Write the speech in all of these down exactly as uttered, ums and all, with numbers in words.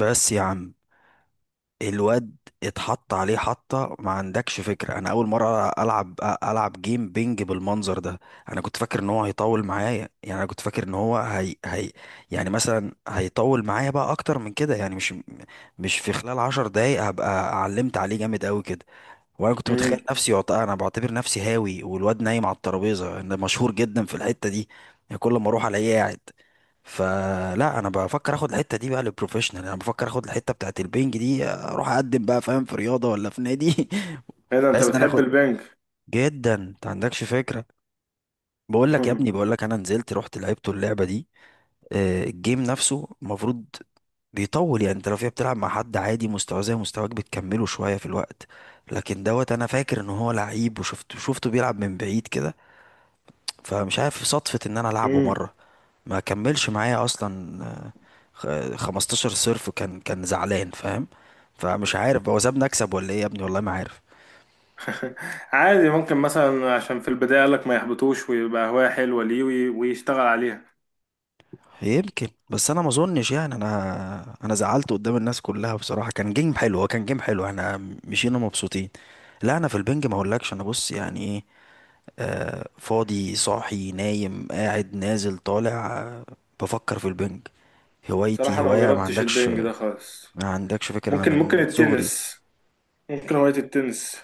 بس يا عم، الواد اتحط عليه حطة. ما عندكش فكرة، انا اول مرة العب العب جيم بينج بالمنظر ده. انا كنت فاكر ان هو هيطول معايا. يعني انا كنت فاكر ان هو هي هي يعني مثلا هيطول معايا بقى اكتر من كده، يعني مش مش في خلال عشر دقايق هبقى علمت عليه جامد قوي كده. وانا كنت متخيل امم نفسي وقت- انا بعتبر نفسي هاوي، والواد نايم على الترابيزه. انا مشهور جدا في الحته دي، يعني كل ما اروح الاقيه قاعد. فلا، انا بفكر اخد الحته دي بقى للبروفيشنال، انا بفكر اخد الحته بتاعت البنج دي اروح اقدم بقى، فاهم، في رياضه ولا في نادي ايه ده، انت بحيث ان انا بتحب اخد البنك؟ جدا، انت عندكش فكره. بقول لك يا ابني، بقول لك انا نزلت رحت لعبت اللعبه دي. آه، الجيم نفسه المفروض بيطول. يعني انت لو فيها بتلعب مع حد عادي مستواه زي مستواك بتكمله شوية في الوقت، لكن دوت انا فاكر ان هو لعيب، وشفته شفته بيلعب من بعيد كده. فمش عارف، صدفة ان انا العبه امم. مرة ما كملش معايا اصلا. آه، خ- خمستاشر صرف. كان كان زعلان، فاهم. فمش عارف هو سابني اكسب ولا ايه، يا ابني والله ما عارف. عادي، ممكن مثلا عشان في البداية قالك ما يحبطوش ويبقى هواية حلوة ليه، وي- ويشتغل عليها. يمكن، بس انا ما اظنش. يعني انا انا زعلت قدام الناس كلها بصراحه. كان جيم حلو، هو كان جيم حلو، احنا مشينا مبسوطين. لا انا في البنج ما اقولكش، انا بص يعني ايه. آه، فاضي صاحي نايم قاعد نازل طالع، آه، بفكر في البنج. هوايتي، بصراحة انا ما هوايه ما جربتش عندكش، البنج ده خالص. ما عندكش فكره، انا ممكن ممكن من صغري. التنس، ممكن هواية التنس.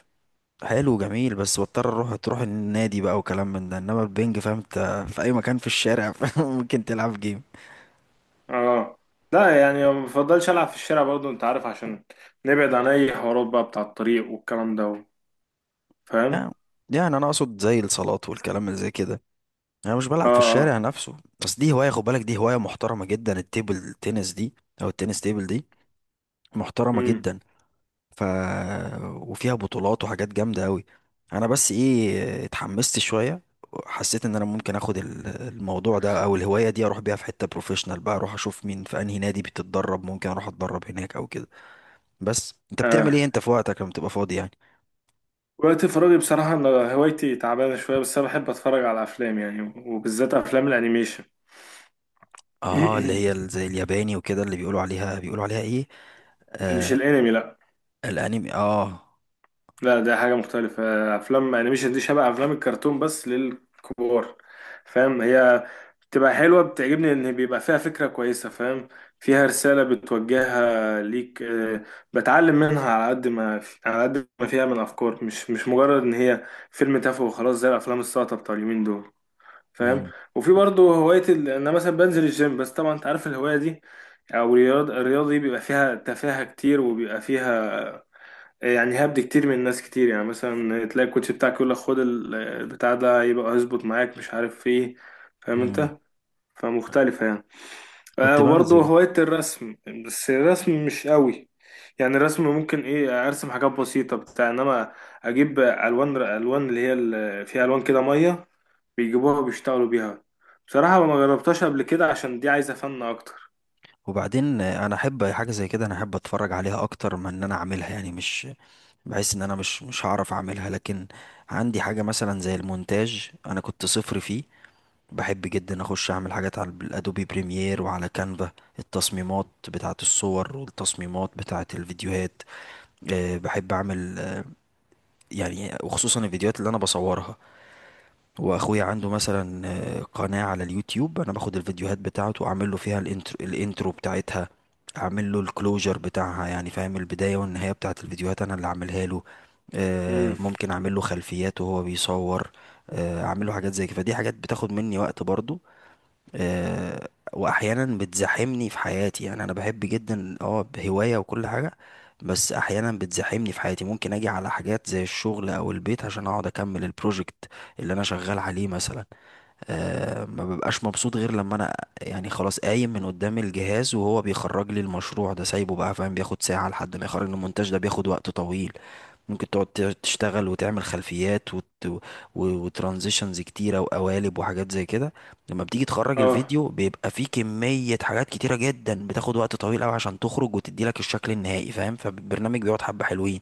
حلو جميل، بس بضطر اروح تروح النادي بقى وكلام من ده. انما البنج فاهم انت في اي مكان في الشارع ممكن تلعب جيم. اه، لا يعني ما بفضلش العب في الشارع برضو، انت عارف، عشان نبعد عن اي حوارات بقى بتاع الطريق والكلام ده. فاهم. يعني يعني انا اقصد زي الصالات والكلام اللي زي كده، انا مش اه. بلعب في الشارع اه. نفسه. بس دي هوايه، خد بالك، دي هوايه محترمه جدا، التيبل تنس دي او التنس تيبل دي، محترمه امم. جدا. ف وفيها بطولات وحاجات جامده قوي. انا بس ايه، اتحمست شويه، حسيت ان انا ممكن اخد ال- الموضوع ده او الهوايه دي اروح بيها في حته بروفيشنال بقى، اروح اشوف مين في انهي نادي بتتدرب، ممكن اروح اتدرب هناك او كده. بس انت بتعمل ايه اه، انت في وقتك لما تبقى فاضي يعني؟ وقت فراغي بصراحة أنا هوايتي تعبانة شوية، بس أنا بحب أتفرج على أفلام يعني، وبالذات أفلام الأنيميشن. اه اللي هي ال- زي الياباني وكده، اللي بيقولوا عليها، بيقولوا عليها ايه؟ مش آه، الانمي، لا. الانمي، اه. لا، ده حاجة مختلفة. افلام انيميشن دي شبه افلام الكرتون بس للكبار. فاهم؟ هي بتبقى حلوة، بتعجبني ان بيبقى فيها فكرة كويسة. فاهم؟ فيها رسالة بتوجهها ليك آه، بتعلم منها على قد ما على قد ما فيها من افكار، مش مش مجرد ان هي فيلم تافه وخلاص زي الافلام الساقطة بتاع اليومين دول. فاهم؟ مم. وفي برضه هواية ال- انا مثلا بنزل الجيم، بس طبعا انت عارف الهواية دي، او الرياض- الرياضة دي بيبقى فيها تفاهة كتير، وبيبقى فيها يعني هبد كتير من ناس كتير. يعني مثلا تلاقي الكوتش بتاعك يقول لك خد ال- البتاع ده، يبقى هيظبط معاك، مش عارف ايه. فاهم مم. انت؟ فمختلفة يعني. آه، كنت وبرضه بنزل. هواية الرسم، بس الرسم مش قوي. يعني الرسم ممكن ايه، ارسم حاجات بسيطة بتاع، انما اجيب الوان، الوان اللي هي ال- فيها الوان كده مية، بيجيبوها وبيشتغلوا بيها. بصراحة ما جربتهاش قبل كده عشان دي عايزة فن اكتر. وبعدين انا احب حاجه زي كده، انا احب اتفرج عليها اكتر من ان انا اعملها. يعني مش، بحس ان انا مش مش هعرف اعملها، لكن عندي حاجه مثلا زي المونتاج، انا كنت صفر فيه. بحب جدا اخش اعمل حاجات على الادوبي بريمير وعلى كانفا، التصميمات بتاعه الصور والتصميمات بتاعه الفيديوهات. أه بحب اعمل، أه، يعني وخصوصا الفيديوهات اللي انا بصورها. واخويا عنده مثلا آه، قناة على اليوتيوب، انا باخد الفيديوهات بتاعته واعمل له فيها الانترو، الانترو بتاعتها، اعمل له الكلوجر بتاعها. يعني فاهم، البداية والنهاية بتاعت الفيديوهات انا اللي اعملها له. امم. آه، ممكن اعمل له خلفيات وهو بيصور، آه، اعمل له حاجات زي كده. فدي حاجات بتاخد مني وقت برضو. آه، واحيانا بتزاحمني في حياتي. يعني انا بحب جدا، اه، هواية وكل حاجة، بس احيانا بتزاحمني في حياتي. ممكن اجي على حاجات زي الشغل او البيت عشان اقعد اكمل البروجكت اللي انا شغال عليه مثلا. أه ما ببقاش مبسوط غير لما انا، يعني، خلاص قايم من قدام الجهاز وهو بيخرج لي المشروع ده سايبه بقى، فاهم، بياخد ساعة لحد ما يخرج لي المونتاج ده، بياخد وقت طويل. ممكن تقعد ت- تشتغل وتعمل خلفيات وت... وترانزيشنز كتيرة وقوالب وحاجات زي كده. لما بتيجي تخرج اه. الفيديو بيبقى فيه كمية حاجات كتيرة جدا بتاخد وقت طويل قوي عشان تخرج وتدي لك الشكل النهائي، فاهم، فالبرنامج بيقعد حبة حلوين.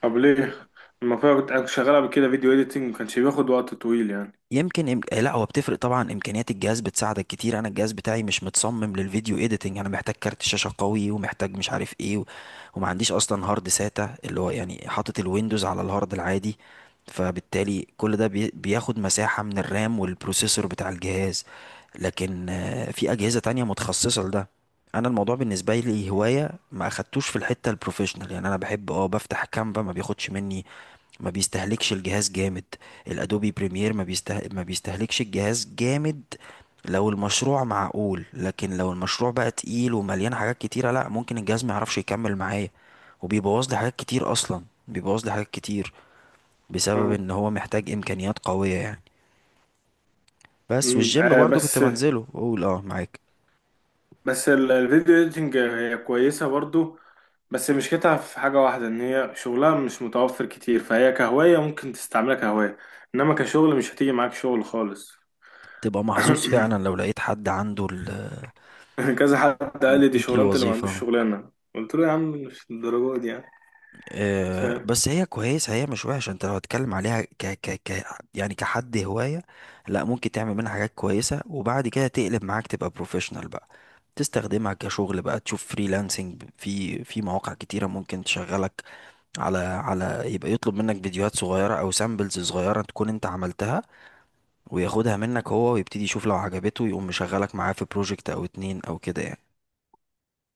طب ليه لما كنت كنت شغال قبل كده فيديو اديتنج ما كانش بياخد وقت طويل يعني؟ يمكن إم... آه، لا هو بتفرق طبعا، امكانيات الجهاز بتساعدك كتير. انا الجهاز بتاعي مش متصمم للفيديو ايديتنج. انا محتاج كارت شاشه قوي، ومحتاج مش عارف ايه و... وما عنديش اصلا هارد ساتا، اللي هو يعني حاطط الويندوز على الهارد العادي، فبالتالي كل ده بي... بياخد مساحه من الرام والبروسيسور بتاع الجهاز. لكن آه، في اجهزه تانية متخصصه لده. انا الموضوع بالنسبه لي هوايه، ما اخدتوش في الحته البروفيشنال. يعني انا بحب اه، بفتح كانفا ما بياخدش مني، ما بيستهلكش الجهاز جامد. الادوبي بريمير ما بيسته... ما بيستهلكش الجهاز جامد لو المشروع معقول، لكن لو المشروع بقى تقيل ومليان حاجات كتيرة، لا، ممكن الجهاز ما يعرفش يكمل معايا. وبيبوظ لي حاجات كتير، اصلا بيبوظ لي حاجات كتير، بسبب آه. ان هو محتاج امكانيات قوية يعني. بس مم. والجيم آه، برضو كنت بس بنزله، بقول اه معاك. بس ال- الفيديو اديتنج هي كويسة برضو، بس مشكلتها في حاجة واحدة، ان هي شغلها مش متوفر كتير، فهي كهواية ممكن تستعملها كهواية، انما كشغل مش هتيجي معاك شغل خالص. تبقى محظوظ فعلا لو لقيت حد عنده ال- كذا حد قال لي دي مديك شغلانة اللي ما عندوش الوظيفة. شغلانة، قلت له يا عم مش الدرجة دي يعني. آه، فاهم؟ بس هي كويسة، هي مش وحشة. انت لو هتتكلم عليها ك ك ك يعني كحد هواية، لا ممكن تعمل منها حاجات كويسة، وبعد كده تقلب معاك تبقى بروفيشنال بقى، تستخدمها كشغل بقى، تشوف فريلانسنج في في مواقع كتيرة ممكن تشغلك. على على يبقى يطلب منك فيديوهات صغيرة او سامبلز صغيرة تكون انت عملتها، وياخدها منك هو، ويبتدي يشوف لو عجبته يقوم مشغلك معاه في بروجكت او اتنين او كده يعني.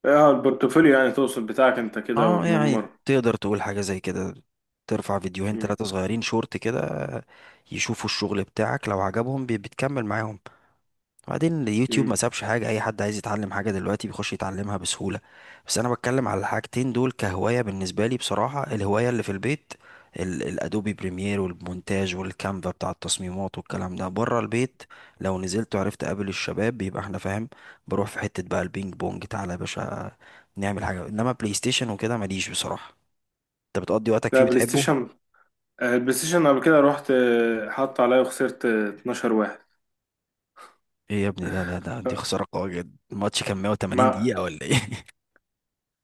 اه، البورتفوليو يعني، تقصد بتاعك انت كده اه يعني وتنمر. تقدر تقول حاجة زي كده، ترفع فيديوهين مم. ثلاثة صغيرين شورت كده. يشوفوا الشغل بتاعك، لو عجبهم بي- بتكمل معاهم. وبعدين اليوتيوب مم. ما سابش حاجة، أي حد عايز يتعلم حاجة دلوقتي بيخش يتعلمها بسهولة. بس أنا بتكلم على الحاجتين دول كهواية بالنسبة لي. بصراحة الهواية اللي في البيت ال- الأدوبي بريمير والمونتاج والكانفا بتاع التصميمات والكلام ده. بره البيت، لو نزلت وعرفت أقابل الشباب بيبقى احنا فاهم، بروح في حتة بقى البينج بونج تعالى يا باشا، نعمل حاجة. إنما بلاي ستيشن وكده ماليش بصراحة. أنت بتقضي وقتك لا، فيه بلاي بتحبه؟ ستيشن. آه، البلاي ستيشن قبل كده رحت، آه، حط عليا وخسرت، آه، اتناشر واحد. إيه يا ابني، ده ده ده دي خسارة قوية جدا. الماتش كان مية وتمانين ما دقيقة ولا إيه؟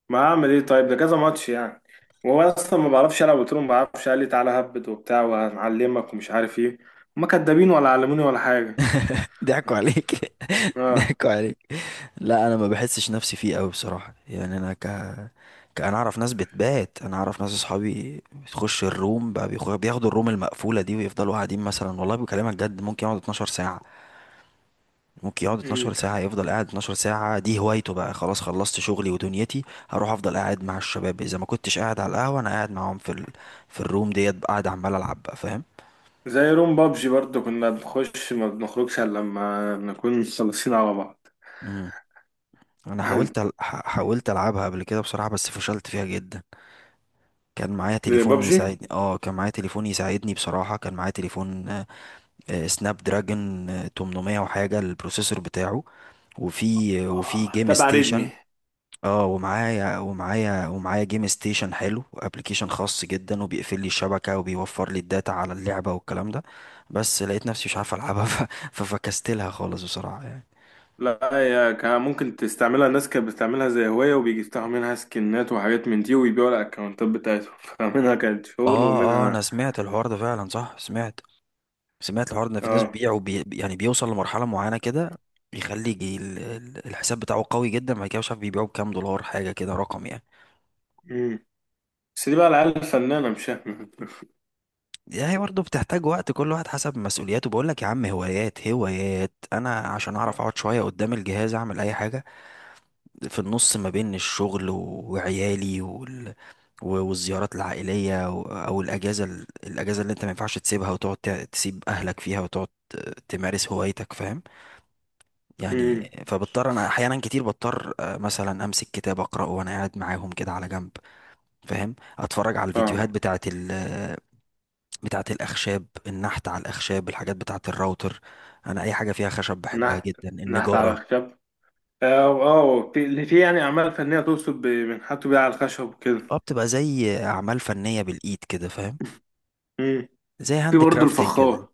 ما اعمل ايه طيب؟ ده كذا ماتش يعني. وهو اصلا ما بعرفش العب، قلت له ما بعرفش، قال لي تعالى هبد وبتاع وهنعلمك ومش عارف ايه. هما كدابين، ولا علموني ولا حاجه. ضحكوا عليك. اه. ضحكوا عليك. لا انا ما بحسش نفسي فيه قوي بصراحه. يعني انا ك... ك... انا اعرف ناس بتبات، انا اعرف ناس اصحابي بتخش الروم بقى، بيخ- بياخدوا الروم المقفوله دي ويفضلوا قاعدين. مثلا والله بكلمك جد ممكن يقعد اتناشر ساعه، ممكن يقعد اتناشر أمم. ساعه، يفضل قاعد اتناشر ساعه، دي هوايته بقى. خلاص خلصت شغلي ودنيتي، هروح افضل قاعد مع الشباب، اذا ما كنتش قاعد على القهوه انا قاعد معاهم في ال... في الروم، ديت قاعد عمال العب بقى، فاهم. زي روم بابجي برضو، كنا بنخش ما بنخرجش الا لما نكون مخلصين على بعض. امم، انا حاولت أل... ح- حاولت العبها قبل كده بصراحه، بس فشلت فيها جدا. كان معايا تليفون بابجي. يساعدني، اه كان معايا تليفون يساعدني بصراحة، كان معايا تليفون، آه، آه، سناب دراجون آه، تمنمية وحاجة البروسيسور بتاعه، وفي وفي اه، جيم تبع ريدمي. ستيشن. اه ومعايا ومعايا ومعايا جيم ستيشن حلو، وابلكيشن خاص جدا وبيقفل لي الشبكة وبيوفر لي الداتا على اللعبة والكلام ده. بس لقيت نفسي مش عارف العبها ف- ففكستلها خالص بصراحة يعني. لا، هي كان ممكن تستعملها، الناس كانت بتستعملها زي هواية، وبيجي يفتحوا منها سكنات وحاجات من دي ويبيعوا الأكونتات بتاعتهم. فمنها كانت شغل اه اه انا ومنها سمعت الحوار ده فعلا، صح سمعت، سمعت الحوار ده ان في ناس اه بيبيعوا بي... يعني بيوصل لمرحله معينه كده، بيخلي يجي ال- ال- الحساب بتاعه قوي جدا، بعد كده مش عارف بيبيعوا بكام دولار، حاجه كده رقم يعني. بس دي بقى العيال الفنانة، مش احنا. هي برضه بتحتاج وقت، كل واحد حسب مسؤولياته. بقول لك يا عم، هوايات هوايات. انا عشان اعرف اقعد شويه قدام الجهاز اعمل اي حاجه في النص ما بين الشغل و- وعيالي وال... و- والزيارات العائليه و... او الاجازه، ال- الاجازه اللي انت ما ينفعش تسيبها وتقعد ت- تسيب اهلك فيها وتقعد ت- تمارس هوايتك، فاهم امم. يعني. فبضطر انا احيانا كتير بضطر، آه، مثلا امسك كتاب اقراه وانا قاعد معاهم كده على جنب، فاهم، اتفرج على الفيديوهات فاهمة. بتاعه ال بتاعه الاخشاب، النحت على الاخشاب، الحاجات بتاعه الراوتر. انا اي حاجه فيها خشب بحبها نحت. جدا، نحت على النجاره. الخشب. اه. آه، في اللي في يعني أعمال فنية توصف، بنحتوا بيها على الخشب وكده. اه بتبقى زي اعمال فنيه بالايد كده، فاهم، امم. زي في هاند برضه كرافتنج كده. الفخار،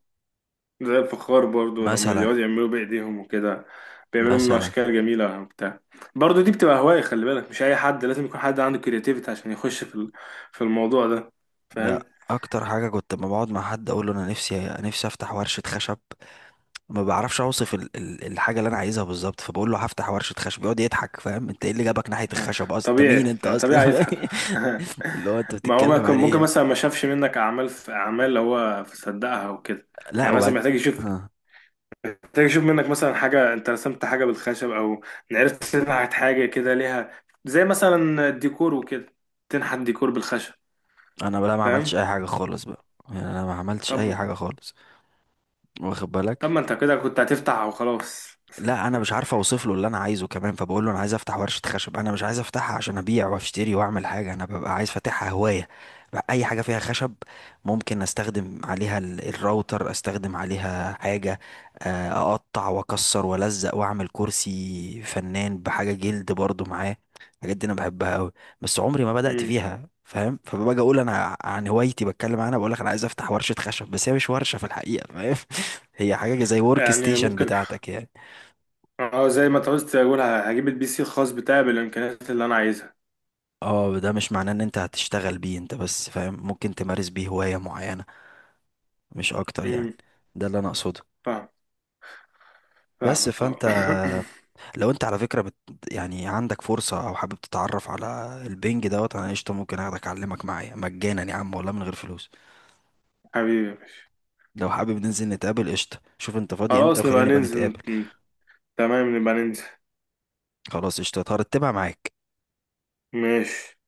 زي الفخار برضه لما مثلا، بيقعدوا يعملوا بإيديهم وكده، بيعملوا منه مثلا، أشكال جميلة وبتاع. برضه دي بتبقى هواية، خلي بالك، مش أي حد، لازم يكون حد عنده كرياتيفيتي عشان يخش في ال- في الموضوع ده. ده فاهم؟ اكتر حاجه. كنت لما بقعد مع حد اقول له انا نفسي نفسي افتح ورشه خشب. ما بعرفش اوصف ال- ال- الحاجه اللي انا عايزها بالظبط، فبقول له هفتح ورشه خشب، يقعد يضحك، فاهم، انت ايه اللي جابك ناحيه الخشب اصلا، انت مين طبيعي. انت طبيعي اصلا. يضحك. اللي هو انت ما هو بتتكلم ممكن، على ممكن ايه؟ مثلا ما شافش منك اعمال، في اعمال اللي هو صدقها وكده. لا، يعني مثلا وبعد، محتاج يشوف. آه. محتاج يشوف منك مثلا حاجه، انت رسمت حاجه بالخشب، او عرفت تنحت حاجه كده ليها زي مثلا الديكور وكده، تنحت ديكور بالخشب. انا بقى ما فاهم؟ عملتش اي حاجه خالص بقى، يعني انا ما عملتش طب اي ما حاجه خالص، واخد طب ما بالك. انت كده كنت هتفتح وخلاص. لا انا مش عارف اوصف له اللي انا عايزه كمان، فبقول له انا عايز افتح ورشه خشب، انا مش عايز افتحها عشان ابيع واشتري واعمل حاجه، انا ببقى عايز فاتحها هوايه بقى. اي حاجه فيها خشب ممكن استخدم عليها ال- الراوتر، استخدم عليها حاجه، آه، اقطع واكسر والزق واعمل كرسي فنان بحاجه جلد برضو معاه. الحاجات دي انا بحبها قوي، بس عمري ما بدات مم. فيها، فاهم. فباجي اقول انا عن هوايتي بتكلم عنها بقول لك انا عايز افتح ورشه خشب، بس هي مش ورشه في الحقيقه، فاهم هي حاجه زي ورك يعني ستيشن ممكن. بتاعتك يعني. اه، زي ما انت قلت، اقول هجيب البي سي الخاص بتاعي بالامكانيات اللي انا عايزها. اه ده مش معناه ان انت هتشتغل بيه انت، بس فاهم ممكن تمارس بيه هواية معينة، مش اكتر يعني. امم. ده اللي انا اقصده. فاهم، بس فاهمك. اه. فانت، لو انت على فكرة بت يعني عندك فرصة او حابب تتعرف على البنج، دوت انا قشطة ممكن اخدك اعلمك معايا مجانا يا عم، والله من غير فلوس. حبيبي يا باشا. لو حابب ننزل نتقابل قشطة، شوف انت فاضي امتى خلاص نبقى وخلينا نبقى نتقابل. ننزل. تمام نبقى ننزل. خلاص قشطة هرتبها معاك. ماشي.